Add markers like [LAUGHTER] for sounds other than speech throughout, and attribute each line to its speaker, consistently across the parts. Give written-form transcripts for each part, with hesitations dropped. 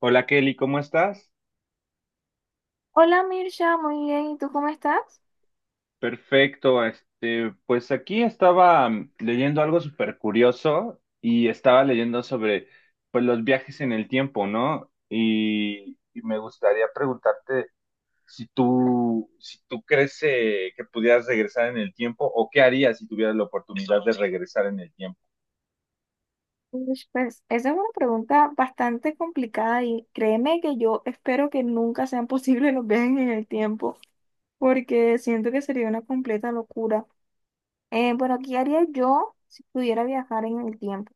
Speaker 1: Hola Kelly, ¿cómo estás?
Speaker 2: Hola Mircha, muy bien. ¿Y tú cómo estás?
Speaker 1: Perfecto, este, pues aquí estaba leyendo algo súper curioso y estaba leyendo sobre pues los viajes en el tiempo, ¿no? Y me gustaría preguntarte si tú crees que pudieras regresar en el tiempo o qué harías si tuvieras la oportunidad de regresar en el tiempo.
Speaker 2: Uy, pues esa es una pregunta bastante complicada y créeme que yo espero que nunca sean [LAUGHS] posibles los viajes en el tiempo porque siento que sería una completa locura. Bueno, ¿qué haría yo si pudiera viajar en el tiempo?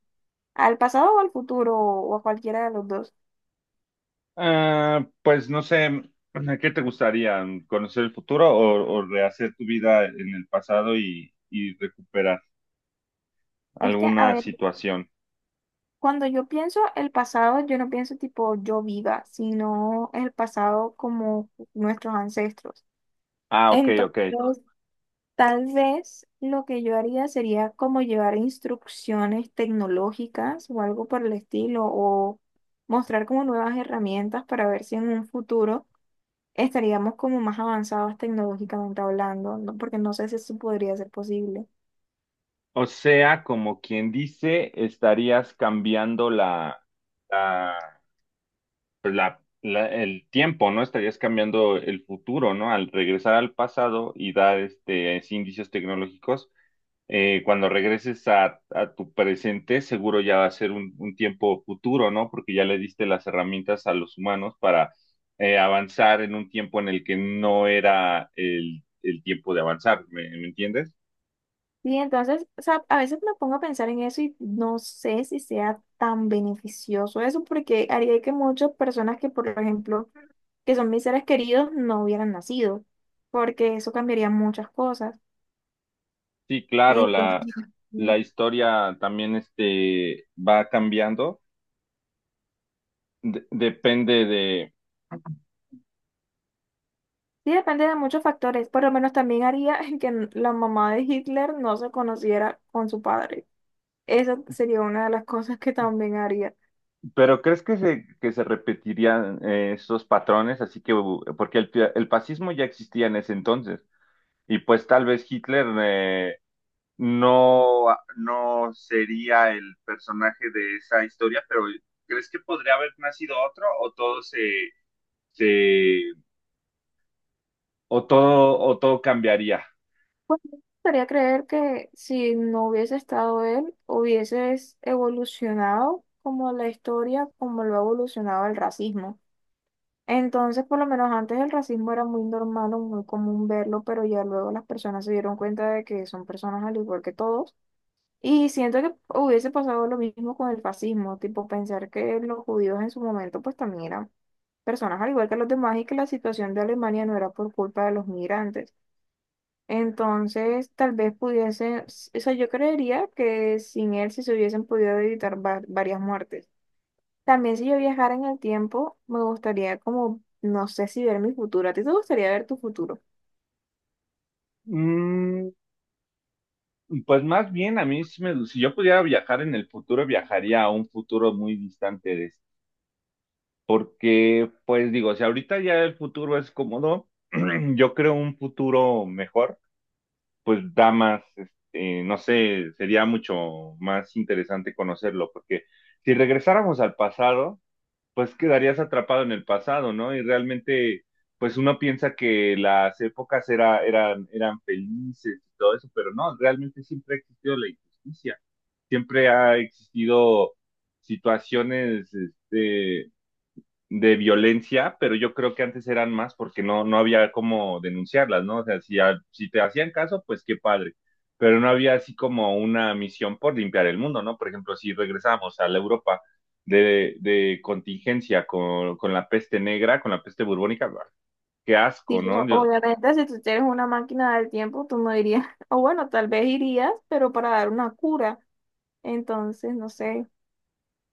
Speaker 2: ¿Al pasado o al futuro o a cualquiera de los dos?
Speaker 1: Ah, pues no sé, ¿a ¿qué te gustaría? ¿Conocer el futuro o rehacer tu vida en el pasado y recuperar
Speaker 2: Es que, a
Speaker 1: alguna
Speaker 2: ver,
Speaker 1: situación?
Speaker 2: cuando yo pienso el pasado, yo no pienso tipo yo viva, sino el pasado como nuestros ancestros.
Speaker 1: Ah, ok,
Speaker 2: Entonces,
Speaker 1: ok.
Speaker 2: tal vez lo que yo haría sería como llevar instrucciones tecnológicas o algo por el estilo, o mostrar como nuevas herramientas para ver si en un futuro estaríamos como más avanzados tecnológicamente hablando, ¿no? Porque no sé si eso podría ser posible.
Speaker 1: O sea, como quien dice, estarías cambiando la, el tiempo, ¿no? Estarías cambiando el futuro, ¿no? Al regresar al pasado y dar indicios tecnológicos, cuando regreses a tu presente, seguro ya va a ser un tiempo futuro, ¿no? Porque ya le diste las herramientas a los humanos para avanzar en un tiempo en el que no era el tiempo de avanzar, ¿ me entiendes?
Speaker 2: Y entonces, o sea, a veces me pongo a pensar en eso y no sé si sea tan beneficioso eso, porque haría que muchas personas que, por ejemplo, que son mis seres queridos, no hubieran nacido, porque eso cambiaría muchas cosas.
Speaker 1: Sí, claro,
Speaker 2: Entonces,
Speaker 1: la
Speaker 2: sí,
Speaker 1: historia también este, va cambiando, depende de.
Speaker 2: depende de muchos factores. Por lo menos también haría [LAUGHS] que la mamá de Hitler no se conociera con su padre. Esa sería una de las cosas que también haría.
Speaker 1: Pero ¿crees que se repetirían esos patrones? Así que, porque el fascismo ya existía en ese entonces, y pues tal vez Hitler no, ah, no sería el personaje de esa historia, pero ¿crees que podría haber nacido otro o todo se, o todo cambiaría?
Speaker 2: Pues me gustaría creer que si no hubiese estado él, hubieses evolucionado como la historia, como lo ha evolucionado el racismo. Entonces, por lo menos antes el racismo era muy normal o muy común verlo, pero ya luego las personas se dieron cuenta de que son personas al igual que todos. Y siento que hubiese pasado lo mismo con el fascismo, tipo pensar que los judíos en su momento pues también eran personas al igual que los demás y que la situación de Alemania no era por culpa de los migrantes. Entonces, tal vez pudiesen, o sea, yo creería que sin él sí se hubiesen podido evitar varias muertes. También si yo viajara en el tiempo, me gustaría como, no sé si ver mi futuro. ¿A ti te gustaría ver tu futuro?
Speaker 1: Mm, Pues más bien a mí, si yo pudiera viajar en el futuro, viajaría a un futuro muy distante de este. Porque, pues digo, si ahorita ya el futuro es cómodo, [CLEARS THROAT] yo creo un futuro mejor, pues da más, este, no sé, sería mucho más interesante conocerlo, porque si regresáramos al pasado, pues quedarías atrapado en el pasado, ¿no? Y realmente, pues uno piensa que las épocas eran felices y todo eso, pero no, realmente siempre ha existido la injusticia, siempre ha existido situaciones este, de violencia, pero yo creo que antes eran más porque no había cómo denunciarlas, ¿no? O sea, si te hacían caso, pues qué padre, pero no había así como una misión por limpiar el mundo, ¿no? Por ejemplo, si regresamos a la Europa de contingencia con la peste negra, con la peste burbónica, bah, qué
Speaker 2: Sí,
Speaker 1: asco, ¿no?
Speaker 2: pero
Speaker 1: Yo,
Speaker 2: obviamente si tú eres una máquina del tiempo, tú no irías, [LAUGHS] o bueno, tal vez irías, pero para dar una cura. Entonces, no sé.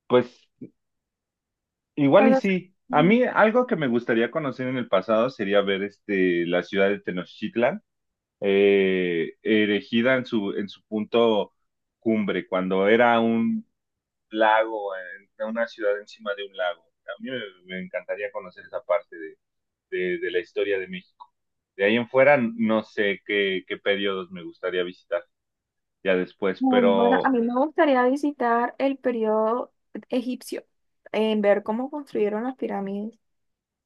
Speaker 1: pues igual
Speaker 2: O
Speaker 1: y
Speaker 2: sea,
Speaker 1: sí. A
Speaker 2: ujú.
Speaker 1: mí algo que me gustaría conocer en el pasado sería ver este, la ciudad de Tenochtitlan erigida en su punto cumbre, cuando era un lago, una ciudad encima de un lago. A mí me encantaría conocer esa parte de la historia de México. De ahí en fuera, no sé qué periodos me gustaría visitar ya después,
Speaker 2: Bueno, a
Speaker 1: pero
Speaker 2: mí me gustaría visitar el periodo egipcio, en ver cómo construyeron las pirámides.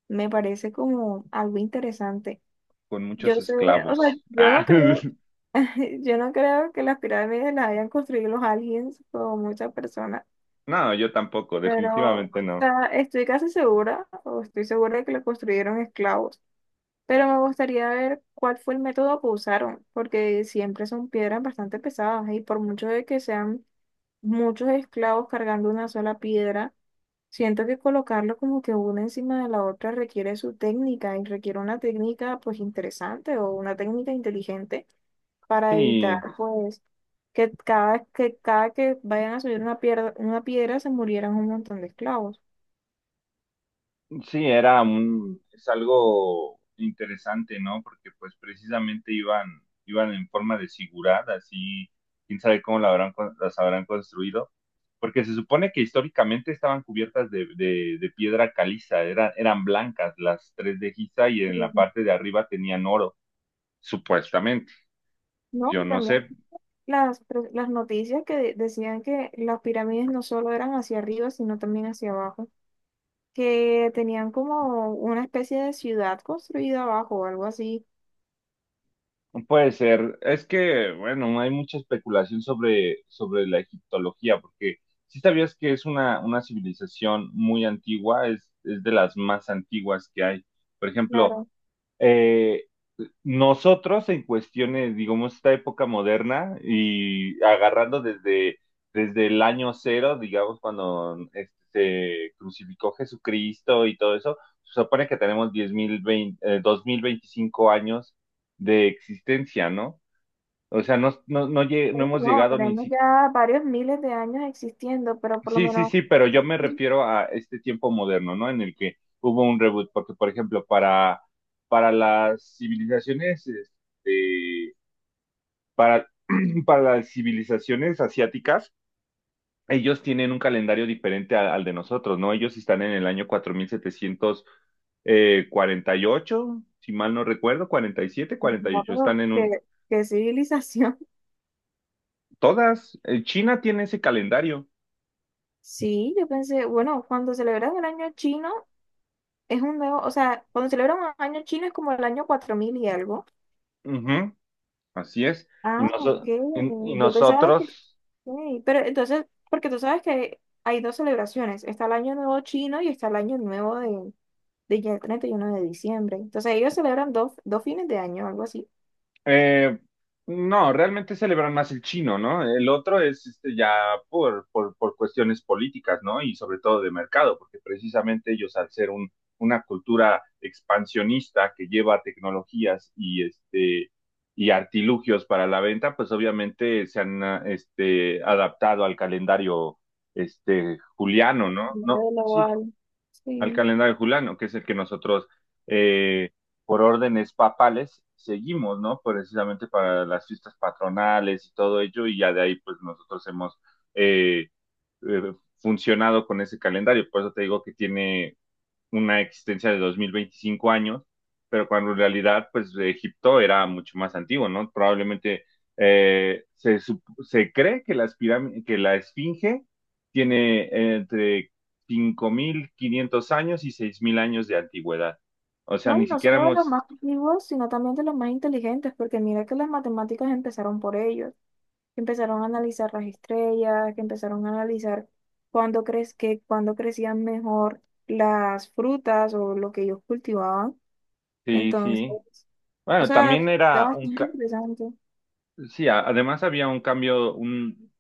Speaker 2: Me parece como algo interesante.
Speaker 1: con muchos
Speaker 2: Yo sé, o sea,
Speaker 1: esclavos.
Speaker 2: yo no creo,
Speaker 1: [LAUGHS]
Speaker 2: [LAUGHS] yo no creo que las pirámides las hayan construido los aliens o muchas personas,
Speaker 1: Ah, no, yo tampoco,
Speaker 2: pero o
Speaker 1: definitivamente no.
Speaker 2: sea, estoy casi segura, o estoy segura de que las construyeron esclavos. Pero me gustaría ver cuál fue el método que usaron, porque siempre son piedras bastante pesadas y por mucho de que sean muchos esclavos cargando una sola piedra, siento que colocarlo como que una encima de la otra requiere su técnica y requiere una técnica pues interesante o una técnica inteligente para evitar
Speaker 1: Sí,
Speaker 2: pues que cada que vayan a subir una piedra se murieran un montón de esclavos.
Speaker 1: sí, es algo interesante, ¿no? Porque pues precisamente iban en forma de zigurat, así, quién sabe cómo las habrán construido, porque se supone que históricamente estaban cubiertas de piedra caliza, eran blancas las tres de Giza y en la
Speaker 2: Y,
Speaker 1: parte de arriba tenían oro, supuestamente.
Speaker 2: no,
Speaker 1: Yo
Speaker 2: y
Speaker 1: no
Speaker 2: también
Speaker 1: sé.
Speaker 2: las, las noticias que decían que las pirámides no solo eran hacia arriba, sino también hacia abajo, que tenían como una especie de ciudad construida abajo o algo así.
Speaker 1: Puede ser. Es que, bueno, hay mucha especulación sobre la egiptología, porque si sabías que es una civilización muy antigua, es de las más antiguas que hay. Por ejemplo,
Speaker 2: Claro,
Speaker 1: eh, nosotros en cuestiones, digamos, esta época moderna y agarrando desde, desde el año cero, digamos, cuando este, se crucificó Jesucristo y todo eso, se supone que tenemos 10.000, 2025 años de existencia, ¿no? O sea, no, no, no, no
Speaker 2: claro que
Speaker 1: hemos
Speaker 2: no,
Speaker 1: llegado ni
Speaker 2: tenemos
Speaker 1: siquiera.
Speaker 2: ya varios miles de años existiendo, pero por lo
Speaker 1: Sí, sí,
Speaker 2: menos,
Speaker 1: sí, pero yo me refiero a este tiempo moderno, ¿no? En el que hubo un reboot, porque por ejemplo, para las civilizaciones, este, para, [CLEARS THROAT] para las civilizaciones asiáticas, ellos tienen un calendario diferente al de nosotros, ¿no? Ellos están en el año 4700 48, si mal no recuerdo, cuarenta y siete,
Speaker 2: pues,
Speaker 1: cuarenta y
Speaker 2: no,
Speaker 1: ocho.
Speaker 2: pero
Speaker 1: Están en un.
Speaker 2: ¿qué, qué civilización? [LAUGHS]
Speaker 1: Todas, China tiene ese calendario.
Speaker 2: Sí, yo pensé, bueno, cuando celebran el año chino es un nuevo, o sea, cuando celebran un año chino es como el año 4000 y algo.
Speaker 1: Ujú, así es. Y,
Speaker 2: Ah, ok.
Speaker 1: noso- y y
Speaker 2: Yo pensaba que...
Speaker 1: nosotros.
Speaker 2: Ok, pero entonces, porque tú sabes que hay dos celebraciones. Está el Año Nuevo chino y está el Año Nuevo de ya 31 de diciembre. Entonces ellos celebran dos, dos fines de año, algo así.
Speaker 1: Eh, no, realmente celebran más el chino, ¿no? El otro es este, ya por cuestiones políticas, ¿no? Y sobre todo de mercado, porque precisamente ellos al ser un, una cultura expansionista que lleva tecnologías y, este, y artilugios para la venta, pues obviamente se han este, adaptado al calendario este, juliano, ¿no? No,
Speaker 2: Primero de
Speaker 1: sí
Speaker 2: lo...
Speaker 1: al
Speaker 2: Sí.
Speaker 1: calendario juliano, que es el que nosotros, eh, por órdenes papales, seguimos, ¿no? Precisamente para las fiestas patronales y todo ello, y ya de ahí, pues nosotros hemos eh, funcionado con ese calendario. Por eso te digo que tiene una existencia de 2025 años, pero cuando en realidad, pues Egipto era mucho más antiguo, ¿no? Probablemente eh, se, sup- se cree que la Esfinge tiene entre 5500 años y 6000 años de antigüedad. O sea,
Speaker 2: Bueno,
Speaker 1: ni
Speaker 2: no
Speaker 1: siquiera
Speaker 2: solo de los
Speaker 1: hemos.
Speaker 2: más creativos, sino también de los más inteligentes, porque mira que las matemáticas empezaron por ellos, que empezaron a analizar las estrellas, que empezaron a analizar cuándo crees que cuándo crecían mejor las frutas o lo que ellos cultivaban.
Speaker 1: Sí,
Speaker 2: Entonces,
Speaker 1: sí.
Speaker 2: o
Speaker 1: Bueno,
Speaker 2: sea,
Speaker 1: también
Speaker 2: está
Speaker 1: era un.
Speaker 2: bastante
Speaker 1: Ca.
Speaker 2: interesante.
Speaker 1: Sí, además había un cambio, un,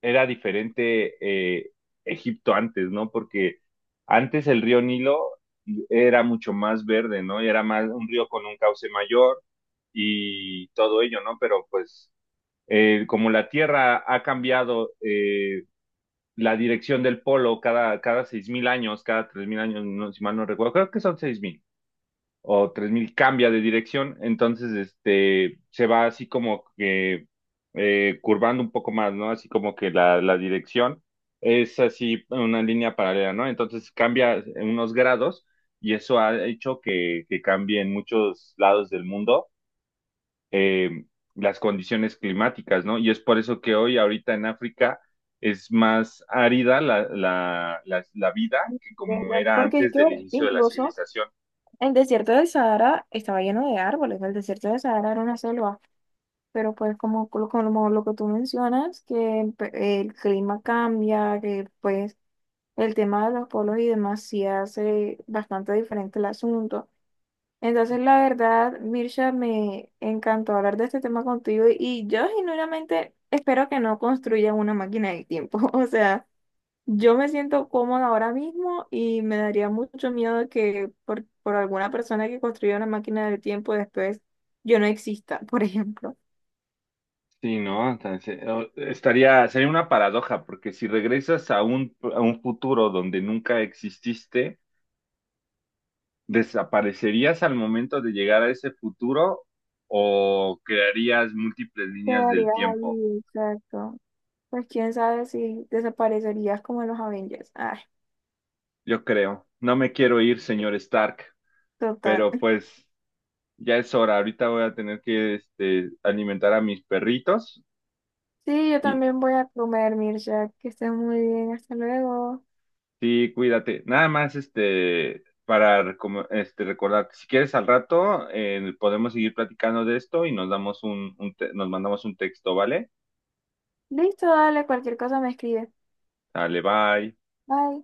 Speaker 1: era diferente eh, Egipto antes, ¿no? Porque antes el río Nilo era mucho más verde, ¿no? Y era más un río con un cauce mayor y todo ello, ¿no? Pero pues como la Tierra ha cambiado la dirección del polo cada 6000 años, cada 3000 años, no, si mal no recuerdo, creo que son 6000 o 3000 cambia de dirección, entonces este se va así como que curvando un poco más, ¿no? Así como que la dirección es así una línea paralela, ¿no? Entonces cambia unos grados y eso ha hecho que cambie en muchos lados del mundo eh, las condiciones climáticas, ¿no? Y es por eso que hoy, ahorita en África, es más árida la vida que
Speaker 2: ¿De
Speaker 1: como
Speaker 2: verdad?
Speaker 1: era
Speaker 2: Porque es
Speaker 1: antes
Speaker 2: que
Speaker 1: del inicio de la
Speaker 2: incluso
Speaker 1: civilización.
Speaker 2: el desierto del Sahara estaba lleno de árboles, el desierto del Sahara era una selva, pero pues como, como lo que tú mencionas, que el clima cambia, que pues el tema de los polos y demás sí hace bastante diferente el asunto. Entonces, la verdad, Mirsha, me encantó hablar de este tema contigo y yo genuinamente espero que no construyan una máquina del tiempo, [LAUGHS] o sea... Yo me siento cómoda ahora mismo y me daría mucho miedo que por alguna persona que construya una máquina del tiempo después yo no exista, [LAUGHS] por ejemplo.
Speaker 1: Sí, ¿no? Entonces, sería una paradoja, porque si regresas a un futuro donde nunca exististe, ¿desaparecerías al momento de llegar a ese futuro o crearías múltiples líneas del
Speaker 2: Quedarías
Speaker 1: tiempo?
Speaker 2: ahí, exacto. Pues quién sabe si desaparecerías como en los Avengers. Ay,
Speaker 1: Yo creo. No me quiero ir, señor Stark,
Speaker 2: total.
Speaker 1: pero
Speaker 2: [LAUGHS]
Speaker 1: pues ya es hora. Ahorita voy a tener que este, alimentar a mis perritos.
Speaker 2: Sí, yo también voy a comer, Mircea. Que estés muy bien. Hasta luego.
Speaker 1: Sí, cuídate. Nada más, este, para recordarte, si quieres al rato, podemos seguir platicando de esto y nos damos nos mandamos un texto, ¿vale?
Speaker 2: Listo, dale, cualquier cosa me escribes.
Speaker 1: Dale, bye.
Speaker 2: Bye.